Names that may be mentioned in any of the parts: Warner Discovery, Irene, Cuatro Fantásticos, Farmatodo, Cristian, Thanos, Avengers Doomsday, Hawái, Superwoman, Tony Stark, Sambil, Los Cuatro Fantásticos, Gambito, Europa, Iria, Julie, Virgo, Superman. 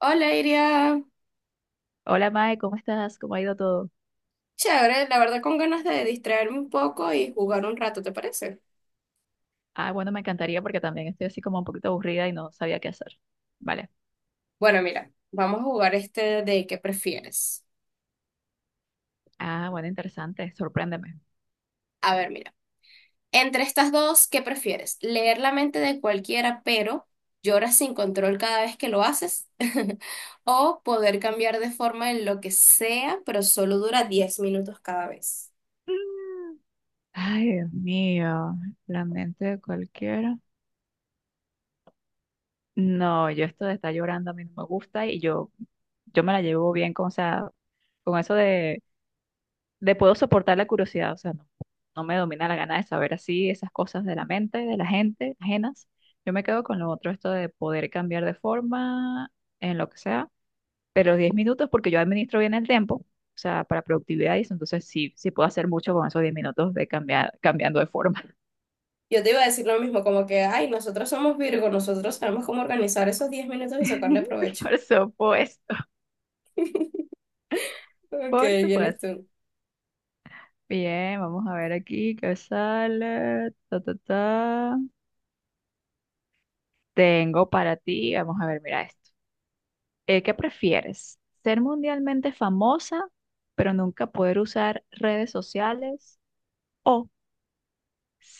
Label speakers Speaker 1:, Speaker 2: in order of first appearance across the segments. Speaker 1: Hola, Iria.
Speaker 2: Hola Mae, ¿cómo estás? ¿Cómo ha ido todo?
Speaker 1: Chévere, la verdad con ganas de distraerme un poco y jugar un rato, ¿te parece?
Speaker 2: Ah, bueno, me encantaría porque también estoy así como un poquito aburrida y no sabía qué hacer. Vale.
Speaker 1: Bueno, mira, vamos a jugar este de ¿qué prefieres?
Speaker 2: Ah, bueno, interesante. Sorpréndeme.
Speaker 1: A ver, mira, entre estas dos, ¿qué prefieres? ¿Leer la mente de cualquiera, pero lloras sin control cada vez que lo haces? ¿O poder cambiar de forma en lo que sea, pero solo dura 10 minutos cada vez?
Speaker 2: Mm. Ay, Dios mío, la mente de cualquiera. No, yo esto de estar llorando a mí no me gusta y yo me la llevo bien con, o sea, con eso de, puedo soportar la curiosidad, o sea, no me domina la gana de saber así esas cosas de la mente, de la gente, ajenas. Yo me quedo con lo otro, esto de poder cambiar de forma en lo que sea pero 10 minutos porque yo administro bien el tiempo, o sea, para productividad y eso, entonces sí, sí puedo hacer mucho con esos 10 minutos de cambiar, cambiando de forma.
Speaker 1: Yo te iba a decir lo mismo, como que, ay, nosotros somos Virgo, nosotros sabemos cómo organizar esos 10 minutos y sacarle provecho.
Speaker 2: Por supuesto,
Speaker 1: Ok,
Speaker 2: por
Speaker 1: vienes
Speaker 2: supuesto.
Speaker 1: tú.
Speaker 2: Bien, vamos a ver aquí qué sale. Ta, ta, ta. Tengo para ti, vamos a ver, mira esto. ¿Qué prefieres? ¿Ser mundialmente famosa, pero nunca poder usar redes sociales? ¿O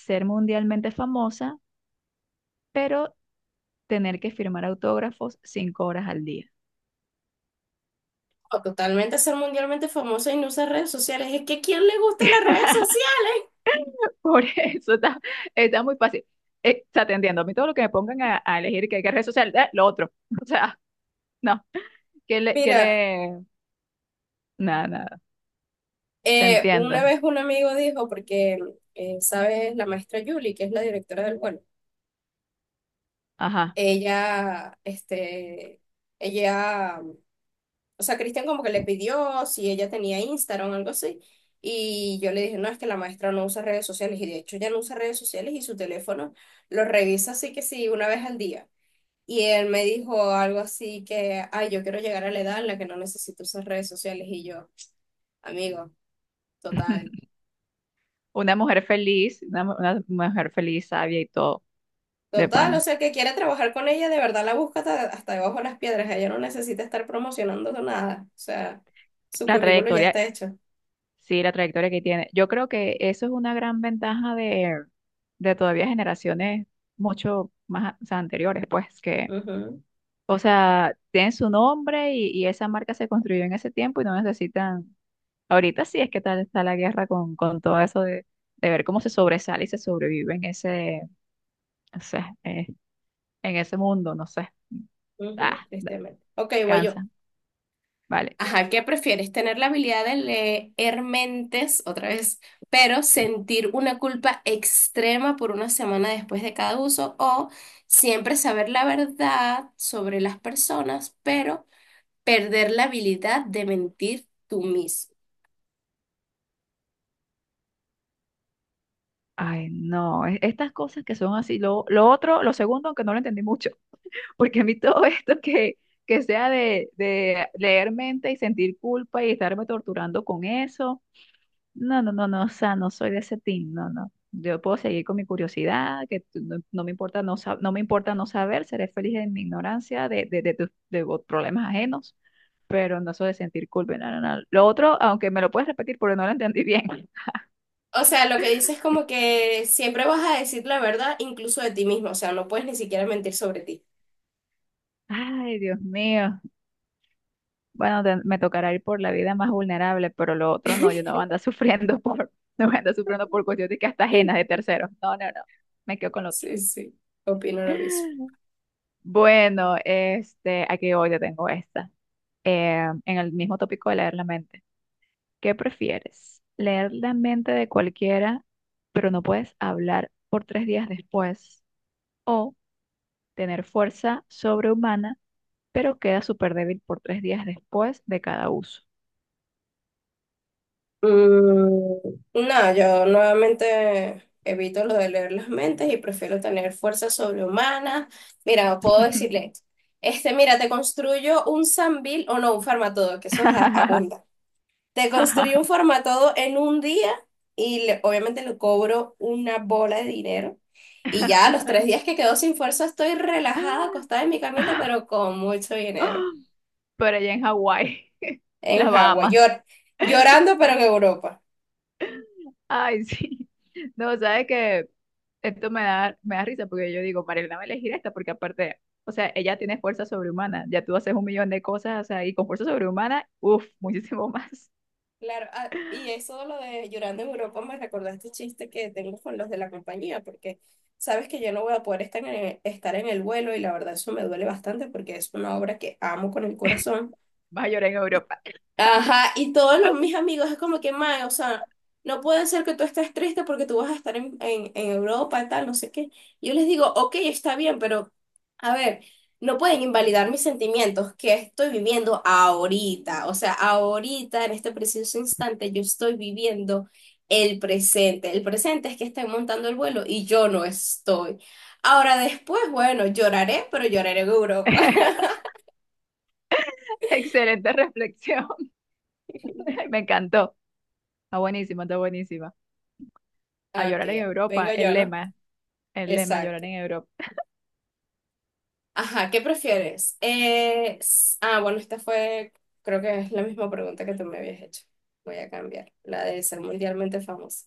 Speaker 2: ser mundialmente famosa, pero tener que firmar autógrafos 5 horas al día?
Speaker 1: O totalmente ser mundialmente famosa y no usar redes sociales. Es que ¿a quién le gustan las redes sociales?
Speaker 2: Por eso está muy fácil. O sea, te entiendo. A mí todo lo que me pongan a elegir que red social, lo otro. O sea, no. ¿Qué le, qué
Speaker 1: Mira,
Speaker 2: le? Nada, nada. Te
Speaker 1: una
Speaker 2: entiendo.
Speaker 1: vez un amigo dijo, porque, ¿sabes? La maestra Julie, que es la directora del vuelo,
Speaker 2: Ajá.
Speaker 1: ella, este, ella, o sea, Cristian como que le pidió si ella tenía Instagram o algo así. Y yo le dije, no, es que la maestra no usa redes sociales. Y de hecho, ya no usa redes sociales y su teléfono lo revisa así que sí, una vez al día. Y él me dijo algo así que, ay, yo quiero llegar a la edad en la que no necesito usar redes sociales. Y yo, amigo, total,
Speaker 2: Una mujer feliz, una mujer feliz, sabia y todo, de
Speaker 1: total, o
Speaker 2: pana.
Speaker 1: sea, el que quiere trabajar con ella, de verdad la busca hasta, hasta debajo de las piedras. Ella no necesita estar promocionando nada. O sea, su
Speaker 2: La
Speaker 1: currículo ya
Speaker 2: trayectoria,
Speaker 1: está hecho.
Speaker 2: sí, la trayectoria que tiene. Yo creo que eso es una gran ventaja de todavía generaciones mucho más, o sea, anteriores, pues, que
Speaker 1: Ujú,
Speaker 2: o sea, tienen su nombre y esa marca se construyó en ese tiempo y no necesitan. Ahorita sí es que tal está la guerra con todo eso de ver cómo se sobresale y se sobrevive en ese, o sea, en ese mundo, no sé.
Speaker 1: ujú,
Speaker 2: Ah,
Speaker 1: tristemente. Ok, voy yo.
Speaker 2: cansa. Vale.
Speaker 1: Ajá, ¿qué prefieres? ¿Tener la habilidad de leer mentes otra vez, pero sentir una culpa extrema por una semana después de cada uso? ¿O siempre saber la verdad sobre las personas, pero perder la habilidad de mentir tú mismo?
Speaker 2: Ay, no, estas cosas que son así. Lo otro, lo segundo, aunque no lo entendí mucho, porque a mí todo esto que sea de, leer mente y sentir culpa y estarme torturando con eso. No, no, no, no, o sea, no soy de ese team, no, no. Yo puedo seguir con mi curiosidad, no, no me importa no, no me importa no saber, seré feliz en mi ignorancia de problemas ajenos, pero no soy de sentir culpa, no, no, no. Lo otro, aunque me lo puedes repetir porque no lo entendí bien.
Speaker 1: O sea, lo que dices es como que siempre vas a decir la verdad incluso de ti mismo, o sea, no puedes ni siquiera mentir sobre ti.
Speaker 2: Ay, Dios mío. Bueno, me tocará ir por la vida más vulnerable, pero lo otro no, yo no voy a andar sufriendo por, no voy a andar sufriendo por cuestiones que hasta ajenas de terceros. No, no, no, me quedo con lo otro.
Speaker 1: Sí, sí, opino lo mismo.
Speaker 2: Bueno, este, aquí hoy yo tengo esta. En el mismo tópico de leer la mente. ¿Qué prefieres? ¿Leer la mente de cualquiera, pero no puedes hablar por 3 días después? ¿O tener fuerza sobrehumana, pero queda súper débil por 3 días después de cada uso?
Speaker 1: Mm, no, yo nuevamente evito lo de leer las mentes y prefiero tener fuerza sobrehumanas. Mira, puedo decirle, mira, te construyo un Sambil o no, un Farmatodo, que eso es abunda. Te construyo un Farmatodo en un día y obviamente le cobro una bola de dinero. Y ya a los 3 días que quedo sin fuerza estoy relajada, acostada en mi camita, pero con mucho dinero.
Speaker 2: Pero allá en Hawái,
Speaker 1: En
Speaker 2: las
Speaker 1: Hawái,
Speaker 2: Bahamas.
Speaker 1: llorando, pero en Europa.
Speaker 2: Ay, sí. No, ¿sabes qué? Esto me da risa porque yo digo, Marielena va a elegir esta porque aparte, o sea, ella tiene fuerza sobrehumana, ya tú haces un millón de cosas, o sea, y con fuerza sobrehumana, uff, muchísimo más,
Speaker 1: Claro, ah, y eso de lo de llorando en Europa me recordó este chiste que tengo con los de la compañía, porque sabes que yo no voy a poder estar en el vuelo y la verdad eso me duele bastante porque es una obra que amo con el corazón.
Speaker 2: vas a llorar en Europa.
Speaker 1: Ajá, y mis amigos es como que, mae, o sea, no puede ser que tú estés triste porque tú vas a estar en Europa y tal, no sé qué. Yo les digo, ok, está bien, pero a ver, no pueden invalidar mis sentimientos que estoy viviendo ahorita. O sea, ahorita, en este preciso instante, yo estoy viviendo el presente. El presente es que estén montando el vuelo y yo no estoy. Ahora después, bueno, lloraré, pero lloraré en Europa.
Speaker 2: Excelente reflexión, me encantó, está buenísima, está buenísima. A
Speaker 1: Ok,
Speaker 2: llorar en Europa,
Speaker 1: vengo yo, ¿no?
Speaker 2: el lema, llorar
Speaker 1: Exacto.
Speaker 2: en Europa.
Speaker 1: Ajá, ¿qué prefieres? Ah, bueno, esta fue, creo que es la misma pregunta que tú me habías hecho. Voy a cambiar, la de ser mundialmente famoso.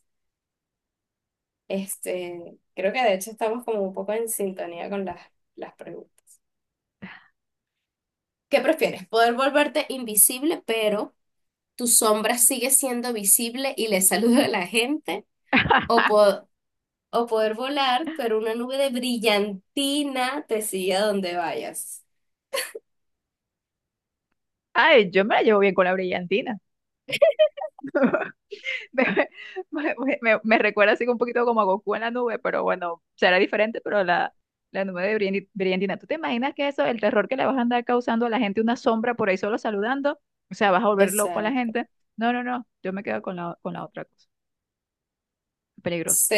Speaker 1: Creo que de hecho estamos como un poco en sintonía con las preguntas. ¿Qué prefieres? ¿Poder volverte invisible, pero tu sombra sigue siendo visible y le saluda a la gente? ¿O, po- o poder volar, pero una nube de brillantina te sigue a donde vayas?
Speaker 2: Ay, yo me la llevo bien con la brillantina. Me recuerda así un poquito como a Goku en la nube, pero bueno, será diferente, pero la nube de Briandina. ¿Tú te imaginas que eso, el terror que le vas a andar causando a la gente, una sombra por ahí solo saludando? O sea, vas a volver loco a la
Speaker 1: Exacto.
Speaker 2: gente. No, no, no, yo me quedo con la otra cosa. Peligroso.
Speaker 1: Sí.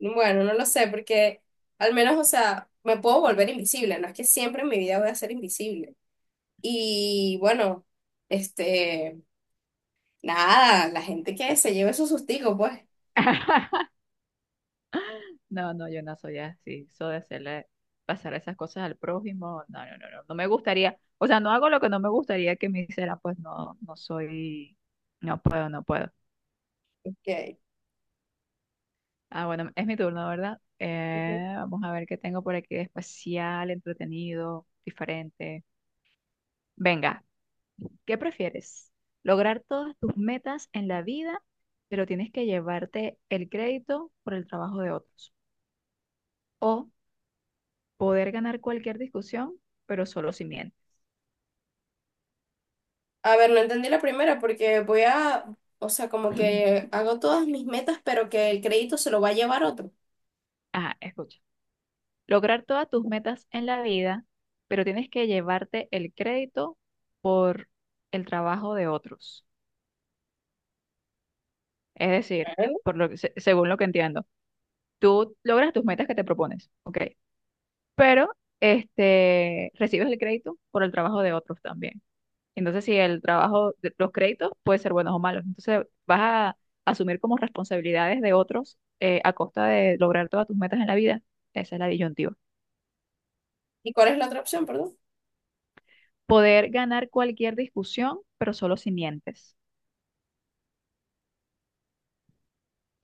Speaker 1: Bueno, no lo sé, porque al menos, o sea, me puedo volver invisible, no es que siempre en mi vida voy a ser invisible. Y bueno, este, nada, la gente que se lleve su sustigo, pues.
Speaker 2: No, no, yo no soy así. Eso de hacerle pasar esas cosas al prójimo, no, no, no, no, no me gustaría. O sea, no hago lo que no me gustaría que me hicieran, pues no, no soy, no puedo, no puedo.
Speaker 1: que-
Speaker 2: Ah, bueno, es mi turno, ¿verdad?
Speaker 1: Ujú.
Speaker 2: Vamos a ver qué tengo por aquí de especial, entretenido, diferente. Venga, ¿qué prefieres? ¿Lograr todas tus metas en la vida, pero tienes que llevarte el crédito por el trabajo de otros? ¿O poder ganar cualquier discusión, pero solo si mientes?
Speaker 1: A ver, no entendí la primera porque o sea, como que hago todas mis metas, pero que el crédito se lo va a llevar otro.
Speaker 2: Ajá, escucha. Lograr todas tus metas en la vida, pero tienes que llevarte el crédito por el trabajo de otros. Es decir,
Speaker 1: Bueno.
Speaker 2: por lo que, según lo que entiendo. Tú logras tus metas que te propones, ok, pero este, recibes el crédito por el trabajo de otros también. Entonces, si el trabajo, los créditos pueden ser buenos o malos, entonces vas a asumir como responsabilidades de otros a costa de lograr todas tus metas en la vida. Esa es la disyuntiva.
Speaker 1: ¿Y cuál es la otra opción, perdón?
Speaker 2: Poder ganar cualquier discusión, pero solo si mientes.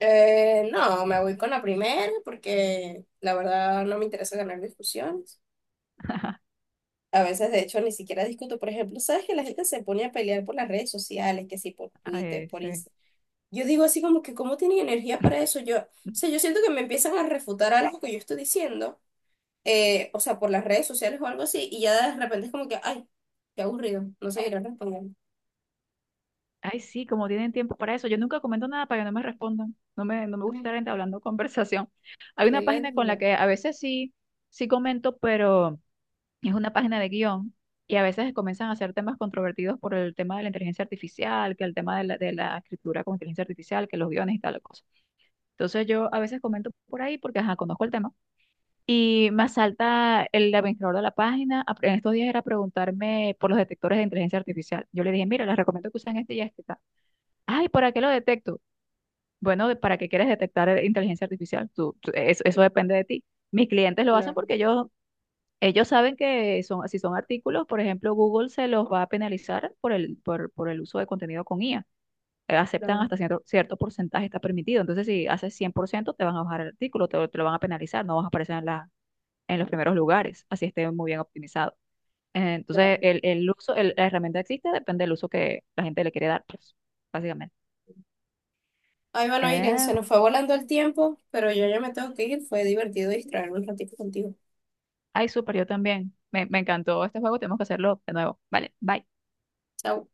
Speaker 1: No, me voy con la primera porque la verdad no me interesa ganar discusiones. A veces, de hecho, ni siquiera discuto. Por ejemplo, sabes que la gente se pone a pelear por las redes sociales, que sí, por Twitter,
Speaker 2: Ay,
Speaker 1: por
Speaker 2: sí.
Speaker 1: Instagram. Yo digo así como que, ¿cómo tienen energía para eso? Yo, o sea, yo siento que me empiezan a refutar algo que yo estoy diciendo, o sea, por las redes sociales o algo así, y ya de repente es como que, ay, qué aburrido, no seguirán respondiendo.
Speaker 2: Ay, sí, como tienen tiempo para eso. Yo nunca comento nada para que no me respondan. No me gusta
Speaker 1: Ay,
Speaker 2: estar entablando conversación. Hay una
Speaker 1: qué
Speaker 2: página con la
Speaker 1: ladilla.
Speaker 2: que a veces sí, sí comento, pero es una página de guión y a veces comienzan a hacer temas controvertidos por el tema de la inteligencia artificial, que el tema de la escritura con inteligencia artificial, que los guiones y tal cosa. Entonces yo a veces comento por ahí porque ajá, conozco el tema y me salta el administrador de la página. En estos días era preguntarme por los detectores de inteligencia artificial. Yo le dije, mira, les recomiendo que usen este y este. Ay, ¿para qué lo detecto? Bueno, ¿para qué quieres detectar inteligencia artificial? Eso, depende de ti. Mis clientes lo hacen
Speaker 1: Claro,
Speaker 2: porque ellos saben que son, si son artículos, por ejemplo, Google se los va a penalizar por el uso de contenido con IA. Aceptan
Speaker 1: claro,
Speaker 2: hasta cierto porcentaje, está permitido. Entonces, si haces 100% te van a bajar el artículo, te lo van a penalizar, no vas a aparecer en los primeros lugares, así esté muy bien optimizado.
Speaker 1: claro.
Speaker 2: Entonces, el uso, la herramienta existe, depende del uso que la gente le quiere dar, pues, básicamente.
Speaker 1: Ay, bueno, Irene,
Speaker 2: Eh,
Speaker 1: se nos fue volando el tiempo, pero yo ya me tengo que ir. Fue divertido distraerme un ratito contigo.
Speaker 2: Ay, súper, yo también. Me encantó este juego, tenemos que hacerlo de nuevo. Vale, bye.
Speaker 1: Chao.